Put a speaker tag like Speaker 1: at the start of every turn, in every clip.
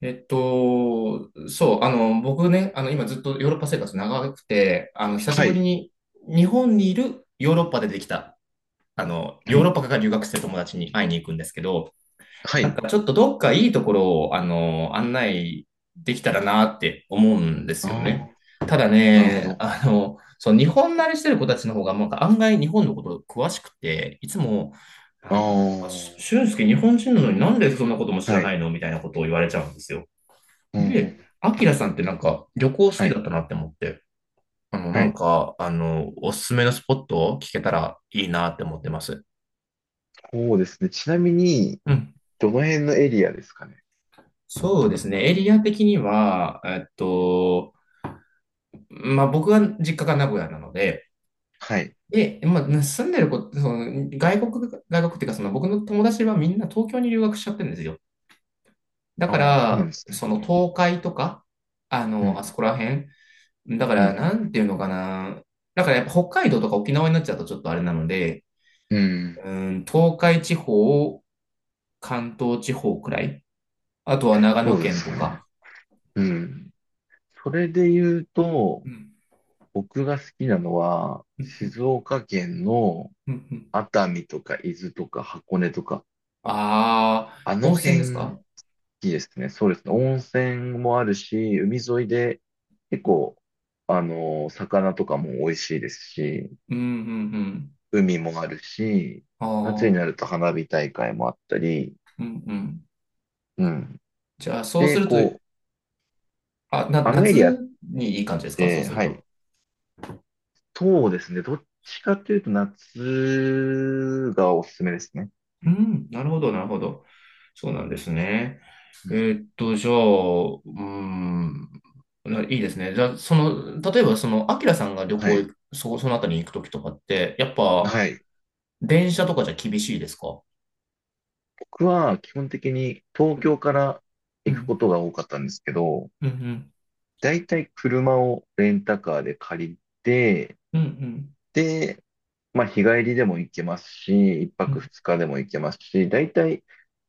Speaker 1: そう、僕ね、今ずっとヨーロッパ生活長くて、久し
Speaker 2: は
Speaker 1: ぶり
Speaker 2: い。
Speaker 1: に日本にいるヨーロッパでできた、
Speaker 2: は
Speaker 1: ヨーロッパ
Speaker 2: い。
Speaker 1: から留学してる友達に会いに行くんですけど、
Speaker 2: は
Speaker 1: なん
Speaker 2: い。
Speaker 1: かちょっとどっかいいところを、案内できたらなって思うんです
Speaker 2: あ
Speaker 1: よね。
Speaker 2: あ、
Speaker 1: ただ
Speaker 2: なるほ
Speaker 1: ね、
Speaker 2: ど。
Speaker 1: そう、日本慣れしてる子たちの方が、なんか案外日本のこと詳しくて、いつも、な
Speaker 2: あ
Speaker 1: んなんか、
Speaker 2: あ、
Speaker 1: 俊介日本人なのになんでそんなことも知ら
Speaker 2: は
Speaker 1: な
Speaker 2: い。
Speaker 1: いのみたいなことを言われちゃうんですよ。
Speaker 2: うんうん。
Speaker 1: で、アキラさんってなんか旅行好
Speaker 2: は
Speaker 1: き
Speaker 2: い。
Speaker 1: だったなって思って、
Speaker 2: はい。
Speaker 1: おすすめのスポットを聞けたらいいなって思ってます。
Speaker 2: そうですね。ちなみに、
Speaker 1: うん。
Speaker 2: どの辺のエリアですかね。
Speaker 1: そうですね。エリア的には、
Speaker 2: うん。
Speaker 1: まあ、僕は実家が名古屋なので、
Speaker 2: はい。
Speaker 1: で、まあ、住んでる子、その外国、外国っていうか、その僕の友達はみんな東京に留学しちゃってるんですよ。だか
Speaker 2: ああ、そうなん
Speaker 1: ら、
Speaker 2: です
Speaker 1: そ
Speaker 2: ね。
Speaker 1: の
Speaker 2: うん。
Speaker 1: 東海とか、
Speaker 2: う
Speaker 1: あそ
Speaker 2: ん。
Speaker 1: こら辺。だか
Speaker 2: う
Speaker 1: ら、
Speaker 2: ん。
Speaker 1: なんていうのかな。だからやっぱ北海道とか沖縄になっちゃうとちょっとあれなので、
Speaker 2: うん
Speaker 1: うん、東海地方、関東地方くらい。あとは長
Speaker 2: そ
Speaker 1: 野
Speaker 2: うで
Speaker 1: 県
Speaker 2: す
Speaker 1: と
Speaker 2: ね。
Speaker 1: か。
Speaker 2: うん。それで言うと、
Speaker 1: うん。
Speaker 2: 僕が好きなのは、
Speaker 1: うん。
Speaker 2: 静岡県の
Speaker 1: うん。うん。
Speaker 2: 熱海とか伊豆とか箱根とか、
Speaker 1: ああ、
Speaker 2: あの
Speaker 1: 温泉です
Speaker 2: 辺い
Speaker 1: か？
Speaker 2: いですね。そうですね。温泉もあるし、海沿いで結構、あの、魚とかも美味しいですし、
Speaker 1: うん。うん。うん。
Speaker 2: 海もあるし、夏にな
Speaker 1: あ
Speaker 2: ると花火大会もあったり、
Speaker 1: あ、うん。うん。
Speaker 2: うん。
Speaker 1: じゃあ、そうす
Speaker 2: で、
Speaker 1: ると、
Speaker 2: こう、あのエリアっ
Speaker 1: 夏にいい感じですか、そう
Speaker 2: て、
Speaker 1: する
Speaker 2: はい、
Speaker 1: と。
Speaker 2: そうですね。どっちかというと夏がおすすめですね。う
Speaker 1: う
Speaker 2: ん。
Speaker 1: ん、なるほど、なるほど。そうなんですね。
Speaker 2: うん。
Speaker 1: じゃあ、いいですね。じゃあ、例えば、アキラさんが旅
Speaker 2: は
Speaker 1: 行
Speaker 2: い。
Speaker 1: 行く、そのあたりに行くときとかって、やっぱ、
Speaker 2: はい。
Speaker 1: 電車とかじゃ厳しいですか？
Speaker 2: 僕は基本的に東
Speaker 1: うん、
Speaker 2: 京から
Speaker 1: う
Speaker 2: 行くこ
Speaker 1: ん、
Speaker 2: とが多かったんですけど、
Speaker 1: うん、
Speaker 2: だいたい車をレンタカーで借りて、
Speaker 1: うん、
Speaker 2: で、まあ日帰りでも行けますし、一
Speaker 1: う
Speaker 2: 泊
Speaker 1: ん、
Speaker 2: 二日でも行けますし、だいたい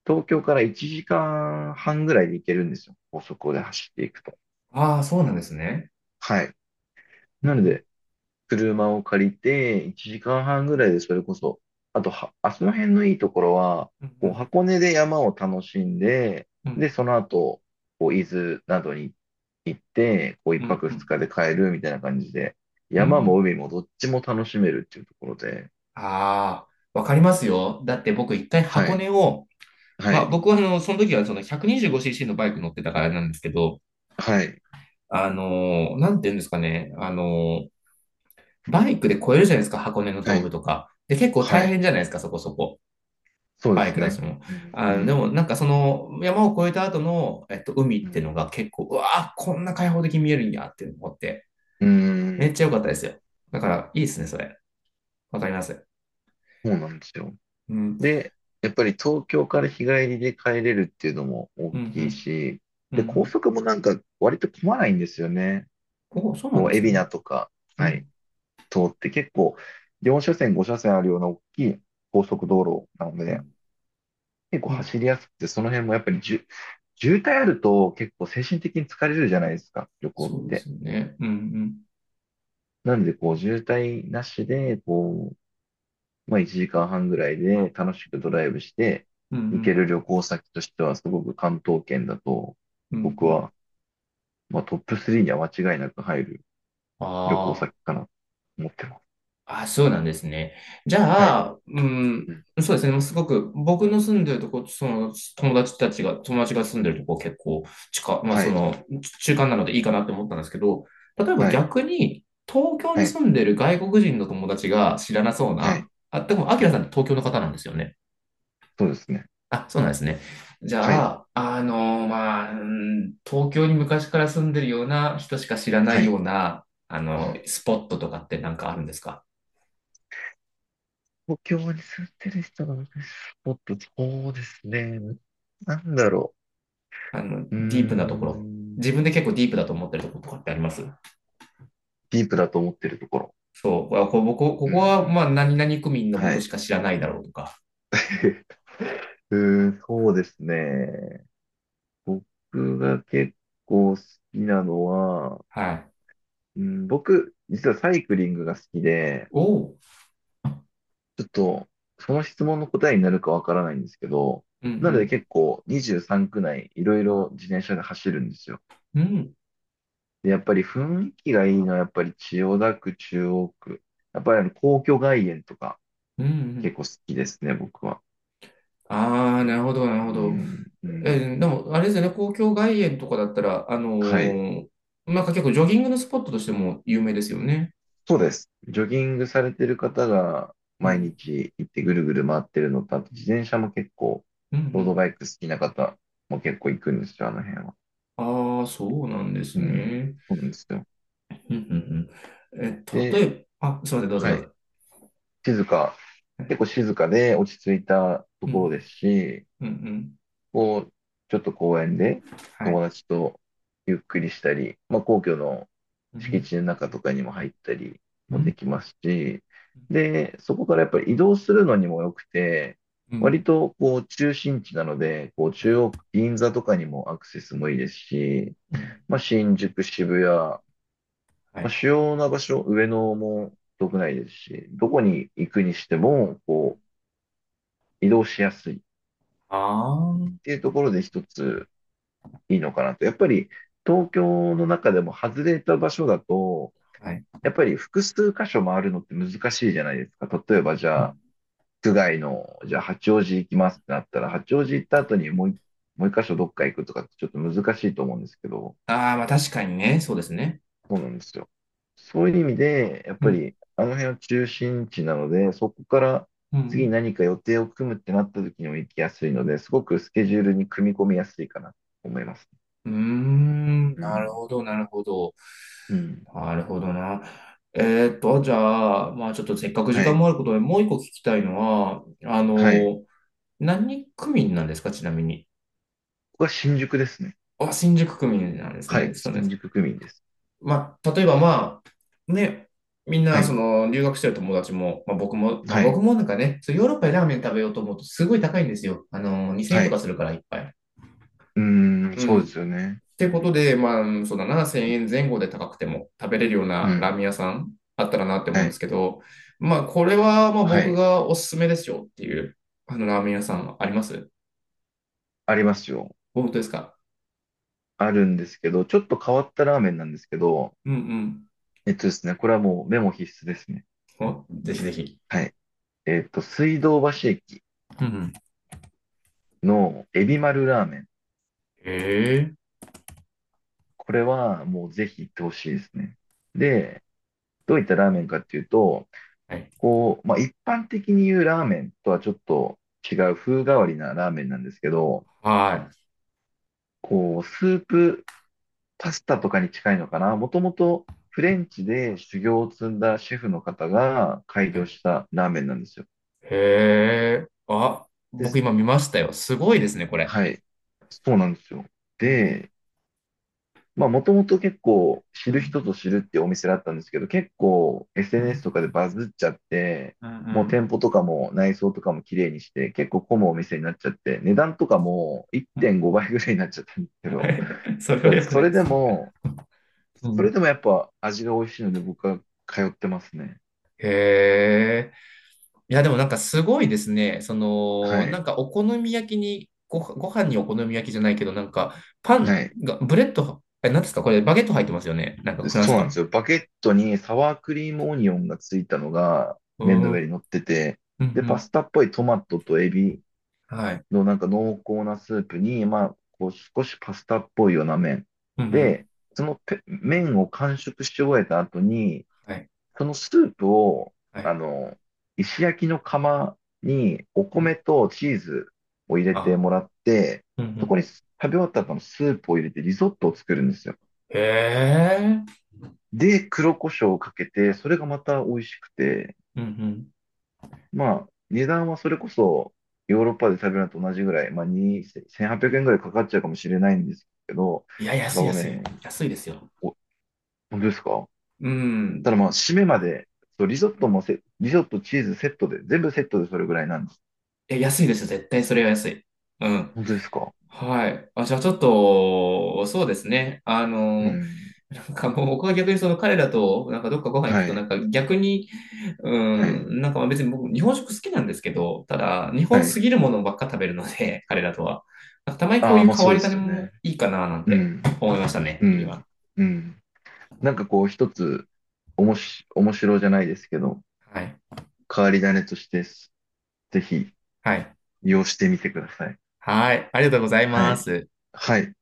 Speaker 2: 東京から1時間半ぐらいで行けるんですよ。高速で走っていくと。
Speaker 1: ああ、そうなんですね。
Speaker 2: はい。
Speaker 1: う
Speaker 2: な
Speaker 1: ん、
Speaker 2: の
Speaker 1: うん、
Speaker 2: で、車を借りて、1時間半ぐらいでそれこそ、あとは、あその辺のいいところは、
Speaker 1: う
Speaker 2: こう
Speaker 1: ん、
Speaker 2: 箱根で山を楽しんで、
Speaker 1: う
Speaker 2: で、
Speaker 1: ん、
Speaker 2: その後、こう伊豆などに行って、こう1
Speaker 1: うん、
Speaker 2: 泊
Speaker 1: う
Speaker 2: 二
Speaker 1: ん、
Speaker 2: 日で帰るみたいな感じで、山も海もどっちも楽しめるっていうところで、
Speaker 1: ああー、わかりますよ。だって僕一回
Speaker 2: は
Speaker 1: 箱
Speaker 2: い、
Speaker 1: 根を、
Speaker 2: は
Speaker 1: まあ
Speaker 2: い、
Speaker 1: 僕はその時はその 125cc のバイク乗ってたからあれなんですけど、
Speaker 2: はい、
Speaker 1: なんて言うんですかね。バイクで越えるじゃないですか、箱根の
Speaker 2: はい、
Speaker 1: 峠とか。で、結構
Speaker 2: は
Speaker 1: 大
Speaker 2: い、
Speaker 1: 変じゃないですか、そこそこ。
Speaker 2: そうで
Speaker 1: パイ
Speaker 2: す
Speaker 1: クたち
Speaker 2: ね。
Speaker 1: も。
Speaker 2: うん、う
Speaker 1: でも
Speaker 2: ん、
Speaker 1: なんかその山を越えた後の、海
Speaker 2: う
Speaker 1: って
Speaker 2: ん、
Speaker 1: のが結構、うわー、こんな開放的に見えるんやって思って、
Speaker 2: うー
Speaker 1: め
Speaker 2: ん、
Speaker 1: っちゃ良かったですよ。だから、いいですね、それ。わかります。
Speaker 2: そうなんですよ。
Speaker 1: うん、
Speaker 2: で、やっぱり東京から日帰りで帰れるっていうのも大
Speaker 1: うん、う
Speaker 2: きい
Speaker 1: ん、
Speaker 2: し、
Speaker 1: うん。う
Speaker 2: で、高
Speaker 1: ん。
Speaker 2: 速もなんか割と混まないんですよね。
Speaker 1: おー、そうな
Speaker 2: こ
Speaker 1: んで
Speaker 2: う、
Speaker 1: す
Speaker 2: 海
Speaker 1: ね。
Speaker 2: 老名とか、
Speaker 1: う
Speaker 2: は
Speaker 1: ん、
Speaker 2: い、通って結構4車線、5車線あるような大きい高速道路なの
Speaker 1: う
Speaker 2: で、
Speaker 1: ん、
Speaker 2: 結構
Speaker 1: うん。
Speaker 2: 走りやすくて、その辺もやっぱり渋滞あると結構精神的に疲れるじゃないですか、旅行っ
Speaker 1: そうで
Speaker 2: て。
Speaker 1: すよね。うん、うん、
Speaker 2: なんで、こう、渋滞なしで、こまあ1時間半ぐらいで楽しくドライブして
Speaker 1: う
Speaker 2: 行け
Speaker 1: ん、
Speaker 2: る旅行先としてはすごく関東圏だと
Speaker 1: うん、うん。
Speaker 2: 僕
Speaker 1: うん。
Speaker 2: は、まあ、トップ3には間違いなく入る旅行
Speaker 1: ああ
Speaker 2: 先
Speaker 1: ー。
Speaker 2: かなと思ってます。
Speaker 1: あ、そうなんですね。じ
Speaker 2: は
Speaker 1: ゃ
Speaker 2: い。
Speaker 1: あ、うん、
Speaker 2: うん。
Speaker 1: そうですね。もうすごく、僕の住んでるとこ、その友達たちが、友達が住んでるとこ結構まあ
Speaker 2: はい。
Speaker 1: 中間なのでいいかなって思ったんですけど、例えば
Speaker 2: はい。
Speaker 1: 逆に、東京
Speaker 2: は
Speaker 1: に
Speaker 2: い。
Speaker 1: 住んでる外国人の友達が知らなそう
Speaker 2: はい。
Speaker 1: な、あ、でも、アキ
Speaker 2: う
Speaker 1: ラさんって
Speaker 2: ん。
Speaker 1: 東京の方なんですよね。
Speaker 2: そうですね。
Speaker 1: あ、そうなんですね。じ
Speaker 2: は
Speaker 1: ゃ
Speaker 2: い。
Speaker 1: あ、まあ、うん、東京に昔から住んでるような人しか知らな
Speaker 2: は
Speaker 1: い
Speaker 2: い。
Speaker 1: ような、
Speaker 2: うん。
Speaker 1: スポットとかってなんかあるんですか？
Speaker 2: 東京に住んでる人が私スポット、そうですね。なんだろう。うー
Speaker 1: ディープなところ、
Speaker 2: ん。
Speaker 1: 自分で結構ディープだと思ってるところとかってあります？
Speaker 2: ディープだと思ってるところ。
Speaker 1: そう、こここ
Speaker 2: う
Speaker 1: こは、まあ、
Speaker 2: ん。
Speaker 1: 何々区民の
Speaker 2: は
Speaker 1: 僕し
Speaker 2: い。
Speaker 1: か知らないだろうとか。
Speaker 2: うーん、そうですね。僕が結構好きなのは、
Speaker 1: はい。
Speaker 2: うん、僕、実はサイクリングが好きで、
Speaker 1: おう。
Speaker 2: ちょっと、その質問の答えになるかわからないんですけど、
Speaker 1: う
Speaker 2: なので
Speaker 1: ん。
Speaker 2: 結構23区内いろいろ自転車で走るんですよ。
Speaker 1: うん。うん。
Speaker 2: で、やっぱり雰囲気がいいのはやっぱり千代田区、中央区。やっぱりあの皇居外苑とか
Speaker 1: うん。う
Speaker 2: 結
Speaker 1: ん。
Speaker 2: 構好きですね、僕は。
Speaker 1: ああ、なるほど、なるほ
Speaker 2: う
Speaker 1: ど。
Speaker 2: ん、うん。
Speaker 1: でも、あれですよね、公共外苑とかだったら、
Speaker 2: はい。
Speaker 1: なんか結構ジョギングのスポットとしても有名ですよね。
Speaker 2: そうです。ジョギングされてる方が
Speaker 1: う
Speaker 2: 毎
Speaker 1: ん。
Speaker 2: 日行ってぐるぐる回ってるのと、あと自転車も結構、
Speaker 1: うん。う
Speaker 2: ロード
Speaker 1: ん。
Speaker 2: バイク好きな方も結構行くんですよ、あの辺は。
Speaker 1: ああ、そうなんです
Speaker 2: うん、
Speaker 1: ね。
Speaker 2: そうなんですよ。
Speaker 1: うん。うん。うん。例
Speaker 2: で、
Speaker 1: えば、あ、すみません、どうぞ
Speaker 2: は
Speaker 1: どう
Speaker 2: い。
Speaker 1: ぞ。
Speaker 2: 静か、結構静かで落ち着いたと
Speaker 1: う
Speaker 2: ころ
Speaker 1: ん。
Speaker 2: ですし、
Speaker 1: うん。うん。
Speaker 2: こう、ちょっと公園で
Speaker 1: はい。
Speaker 2: 友達とゆっくりしたり、まあ、皇居の
Speaker 1: う
Speaker 2: 敷
Speaker 1: ん。
Speaker 2: 地の中とかにも入ったり
Speaker 1: う
Speaker 2: も
Speaker 1: ん。
Speaker 2: できますし、で、そこからやっぱり移動するのにも良くて、
Speaker 1: う
Speaker 2: 割
Speaker 1: ん。
Speaker 2: とこう中心地なので、こう
Speaker 1: は
Speaker 2: 中
Speaker 1: い。
Speaker 2: 央区、銀座とかにもアクセスもいいですし、
Speaker 1: うん。
Speaker 2: まあ、新宿、渋谷、ま
Speaker 1: は
Speaker 2: あ、
Speaker 1: い。
Speaker 2: 主要な場所、上野も遠くないですし、どこに行くにしても、こう、移動しやすいっ
Speaker 1: ああ、
Speaker 2: ていうところで一ついいのかなと。やっぱり東京の中でも外れた場所だと、
Speaker 1: はい。
Speaker 2: やっぱり複数箇所回るのって難しいじゃないですか。例えばじ
Speaker 1: う
Speaker 2: ゃあ、
Speaker 1: ん。
Speaker 2: 区外の、じゃあ八王子行きますってなったら、八王子行った後にもう一箇所どっか行くとかってちょっと難しいと思うんですけど、
Speaker 1: ああ、まあ確かにね。そうですね。
Speaker 2: そうなんですよ。そういう意味で、やっ
Speaker 1: う
Speaker 2: ぱ
Speaker 1: ん。
Speaker 2: りあの辺は中心地なので、そこから
Speaker 1: う
Speaker 2: 次
Speaker 1: ん。
Speaker 2: 何か予定を組むってなった時にも行きやすいので、すごくスケジュールに組み込みやすいかなと思います。
Speaker 1: うーん。
Speaker 2: う
Speaker 1: なる
Speaker 2: ん。
Speaker 1: ほど、なるほど。
Speaker 2: うん。
Speaker 1: なるほどな。じゃあ、まあちょっとせっかく時
Speaker 2: は
Speaker 1: 間も
Speaker 2: い。
Speaker 1: あることで、もう一個聞きたいのは、
Speaker 2: はい。
Speaker 1: 何区民なんですか、ちなみに。
Speaker 2: ここは新宿ですね。
Speaker 1: あ、新宿区民なんです
Speaker 2: は
Speaker 1: ね。
Speaker 2: い。
Speaker 1: そうで
Speaker 2: 新
Speaker 1: す。
Speaker 2: 宿区民です。
Speaker 1: まあ、例えばね、みん
Speaker 2: は
Speaker 1: なそ
Speaker 2: い。
Speaker 1: の留学してる友達も、まあ僕も、まあ
Speaker 2: は
Speaker 1: 僕
Speaker 2: い。
Speaker 1: もなんかね、そうヨーロッパでラーメン食べようと思うとすごい高いんですよ。2000円
Speaker 2: は
Speaker 1: とか
Speaker 2: い。
Speaker 1: するから一杯。
Speaker 2: うーん、
Speaker 1: う
Speaker 2: そう
Speaker 1: ん。
Speaker 2: で
Speaker 1: っ
Speaker 2: すよね。う
Speaker 1: てこと
Speaker 2: ん。
Speaker 1: で、まあ、うん、そうだな、1000円前後で高くても食べれるよう
Speaker 2: う
Speaker 1: なラー
Speaker 2: ん。
Speaker 1: メン屋さんあったらなって思
Speaker 2: は
Speaker 1: うんで
Speaker 2: い。
Speaker 1: すけど、まあ、これはまあ
Speaker 2: は
Speaker 1: 僕
Speaker 2: い。
Speaker 1: がおすすめですよっていう、あのラーメン屋さんあります？
Speaker 2: ありますよ。
Speaker 1: 本当ですか？
Speaker 2: あるんですけど、ちょっと変わったラーメンなんですけど、
Speaker 1: うん。
Speaker 2: えっとですね、これはもうメモ必須ですね。
Speaker 1: うん。お、ぜひぜひ。
Speaker 2: はい。えっと、水道橋駅
Speaker 1: うん。うん。
Speaker 2: のエビ丸ラーメン。
Speaker 1: ええ。
Speaker 2: これはもうぜひ行ってほしいですね。で、どういったラーメンかっていうと、
Speaker 1: はい。
Speaker 2: こう、まあ、一般的に言うラーメンとはちょっと違う風変わりなラーメンなんですけど、
Speaker 1: はい。
Speaker 2: こう、スープパスタとかに近いのかな。もともとフレンチで修行を積んだシェフの方が開
Speaker 1: は
Speaker 2: 業
Speaker 1: い。
Speaker 2: したラーメンなんですよ。
Speaker 1: へえ。あ、
Speaker 2: で
Speaker 1: 僕
Speaker 2: す。
Speaker 1: 今見ましたよ。すごいですね、これ。
Speaker 2: はい。そうなんですよ。
Speaker 1: うん、
Speaker 2: で、まあもともと結構知
Speaker 1: う
Speaker 2: る人
Speaker 1: ん、
Speaker 2: ぞ知るってお店だったんですけど、結構
Speaker 1: う
Speaker 2: SNS
Speaker 1: ん、
Speaker 2: とかでバズっちゃって、
Speaker 1: うん、う
Speaker 2: もう
Speaker 1: ん。
Speaker 2: 店舗とかも内装とかも綺麗にして、結構混むお店になっちゃって、値段とかも
Speaker 1: うん。
Speaker 2: 1.5倍ぐらいになっちゃったんですけど、
Speaker 1: それ
Speaker 2: た
Speaker 1: は
Speaker 2: だ
Speaker 1: 良く
Speaker 2: そ
Speaker 1: ない
Speaker 2: れ
Speaker 1: で
Speaker 2: で
Speaker 1: す。
Speaker 2: も
Speaker 1: う
Speaker 2: それ
Speaker 1: ん、
Speaker 2: でもやっぱ味が美味しいので僕は通ってますね。
Speaker 1: へえ。いや、でもなんかすごいですね。
Speaker 2: は
Speaker 1: なん
Speaker 2: い。
Speaker 1: かお好み焼きに、ご飯にお好み焼きじゃないけど、なんかパン
Speaker 2: はい。
Speaker 1: が、ブレッド、なんですかこれ、バゲット入ってますよね？なんかフラン
Speaker 2: そ
Speaker 1: ス
Speaker 2: う
Speaker 1: パ
Speaker 2: なんで
Speaker 1: ン。
Speaker 2: すよ。バゲットにサワークリームオニオンがついたのが
Speaker 1: う
Speaker 2: 麺
Speaker 1: ん、
Speaker 2: の
Speaker 1: う
Speaker 2: 上に
Speaker 1: ん、
Speaker 2: 乗ってて、
Speaker 1: う
Speaker 2: で、パス
Speaker 1: ん。
Speaker 2: タっぽいトマトとエビ
Speaker 1: はい。
Speaker 2: のなんか濃厚なスープに、まあ、こう少しパスタっぽいような麺。
Speaker 1: うん、う
Speaker 2: で、
Speaker 1: ん。
Speaker 2: その麺を完食し終えた後に、
Speaker 1: はい。
Speaker 2: そのスープを、
Speaker 1: は
Speaker 2: あ
Speaker 1: い。
Speaker 2: の、石焼きの釜にお
Speaker 1: う
Speaker 2: 米
Speaker 1: ん。
Speaker 2: とチーズを入れて
Speaker 1: あ、
Speaker 2: もらって、
Speaker 1: うん、う
Speaker 2: そこ
Speaker 1: ん。
Speaker 2: に食べ終わった後のスープを入れてリゾットを作るんですよ。
Speaker 1: へえ。
Speaker 2: で、黒胡椒をかけて、それがまた美味しくて、
Speaker 1: うん、うん。
Speaker 2: まあ、値段はそれこそヨーロッパで食べるのと同じぐらい、まあ、2、1800円ぐらいかかっちゃうかもしれないんですけど、
Speaker 1: いや、
Speaker 2: た
Speaker 1: 安
Speaker 2: だ
Speaker 1: い安い。
Speaker 2: ね、
Speaker 1: 安いですよ。
Speaker 2: お、本当ですか。
Speaker 1: う
Speaker 2: た
Speaker 1: ん。
Speaker 2: だまあ、締めまで、そう、リゾット、チーズセットで、全部セットでそれぐらいなんです。
Speaker 1: いや、安いですよ。絶対それは安い。うん。
Speaker 2: 本当ですか。
Speaker 1: はい。あ、じゃあちょっと、そうですね。
Speaker 2: うん。
Speaker 1: なんかもう僕は逆にその彼らと、なんかどっかご飯行く
Speaker 2: は
Speaker 1: と、なん
Speaker 2: い。
Speaker 1: か逆に、う
Speaker 2: はい。
Speaker 1: ん、なんかまあ別に僕、日本食好きなんですけど、ただ、日
Speaker 2: は
Speaker 1: 本
Speaker 2: い。
Speaker 1: すぎるものばっか食べるので、彼らとは。なんかたまにこ
Speaker 2: あ
Speaker 1: う
Speaker 2: あ、
Speaker 1: い
Speaker 2: まあ
Speaker 1: う変
Speaker 2: そ
Speaker 1: わ
Speaker 2: うで
Speaker 1: り種
Speaker 2: すよね。
Speaker 1: もいいかな、なん
Speaker 2: う
Speaker 1: て
Speaker 2: ん。
Speaker 1: 思いましたね、
Speaker 2: うん。
Speaker 1: 今。
Speaker 2: うん。なんかこう一つ、おもし、面白じゃないですけど、
Speaker 1: はい。
Speaker 2: 変わり種として、ぜひ
Speaker 1: はい。
Speaker 2: 利用してみてください。
Speaker 1: はい。ありがとうござい
Speaker 2: は
Speaker 1: ま
Speaker 2: い。
Speaker 1: す。
Speaker 2: はい。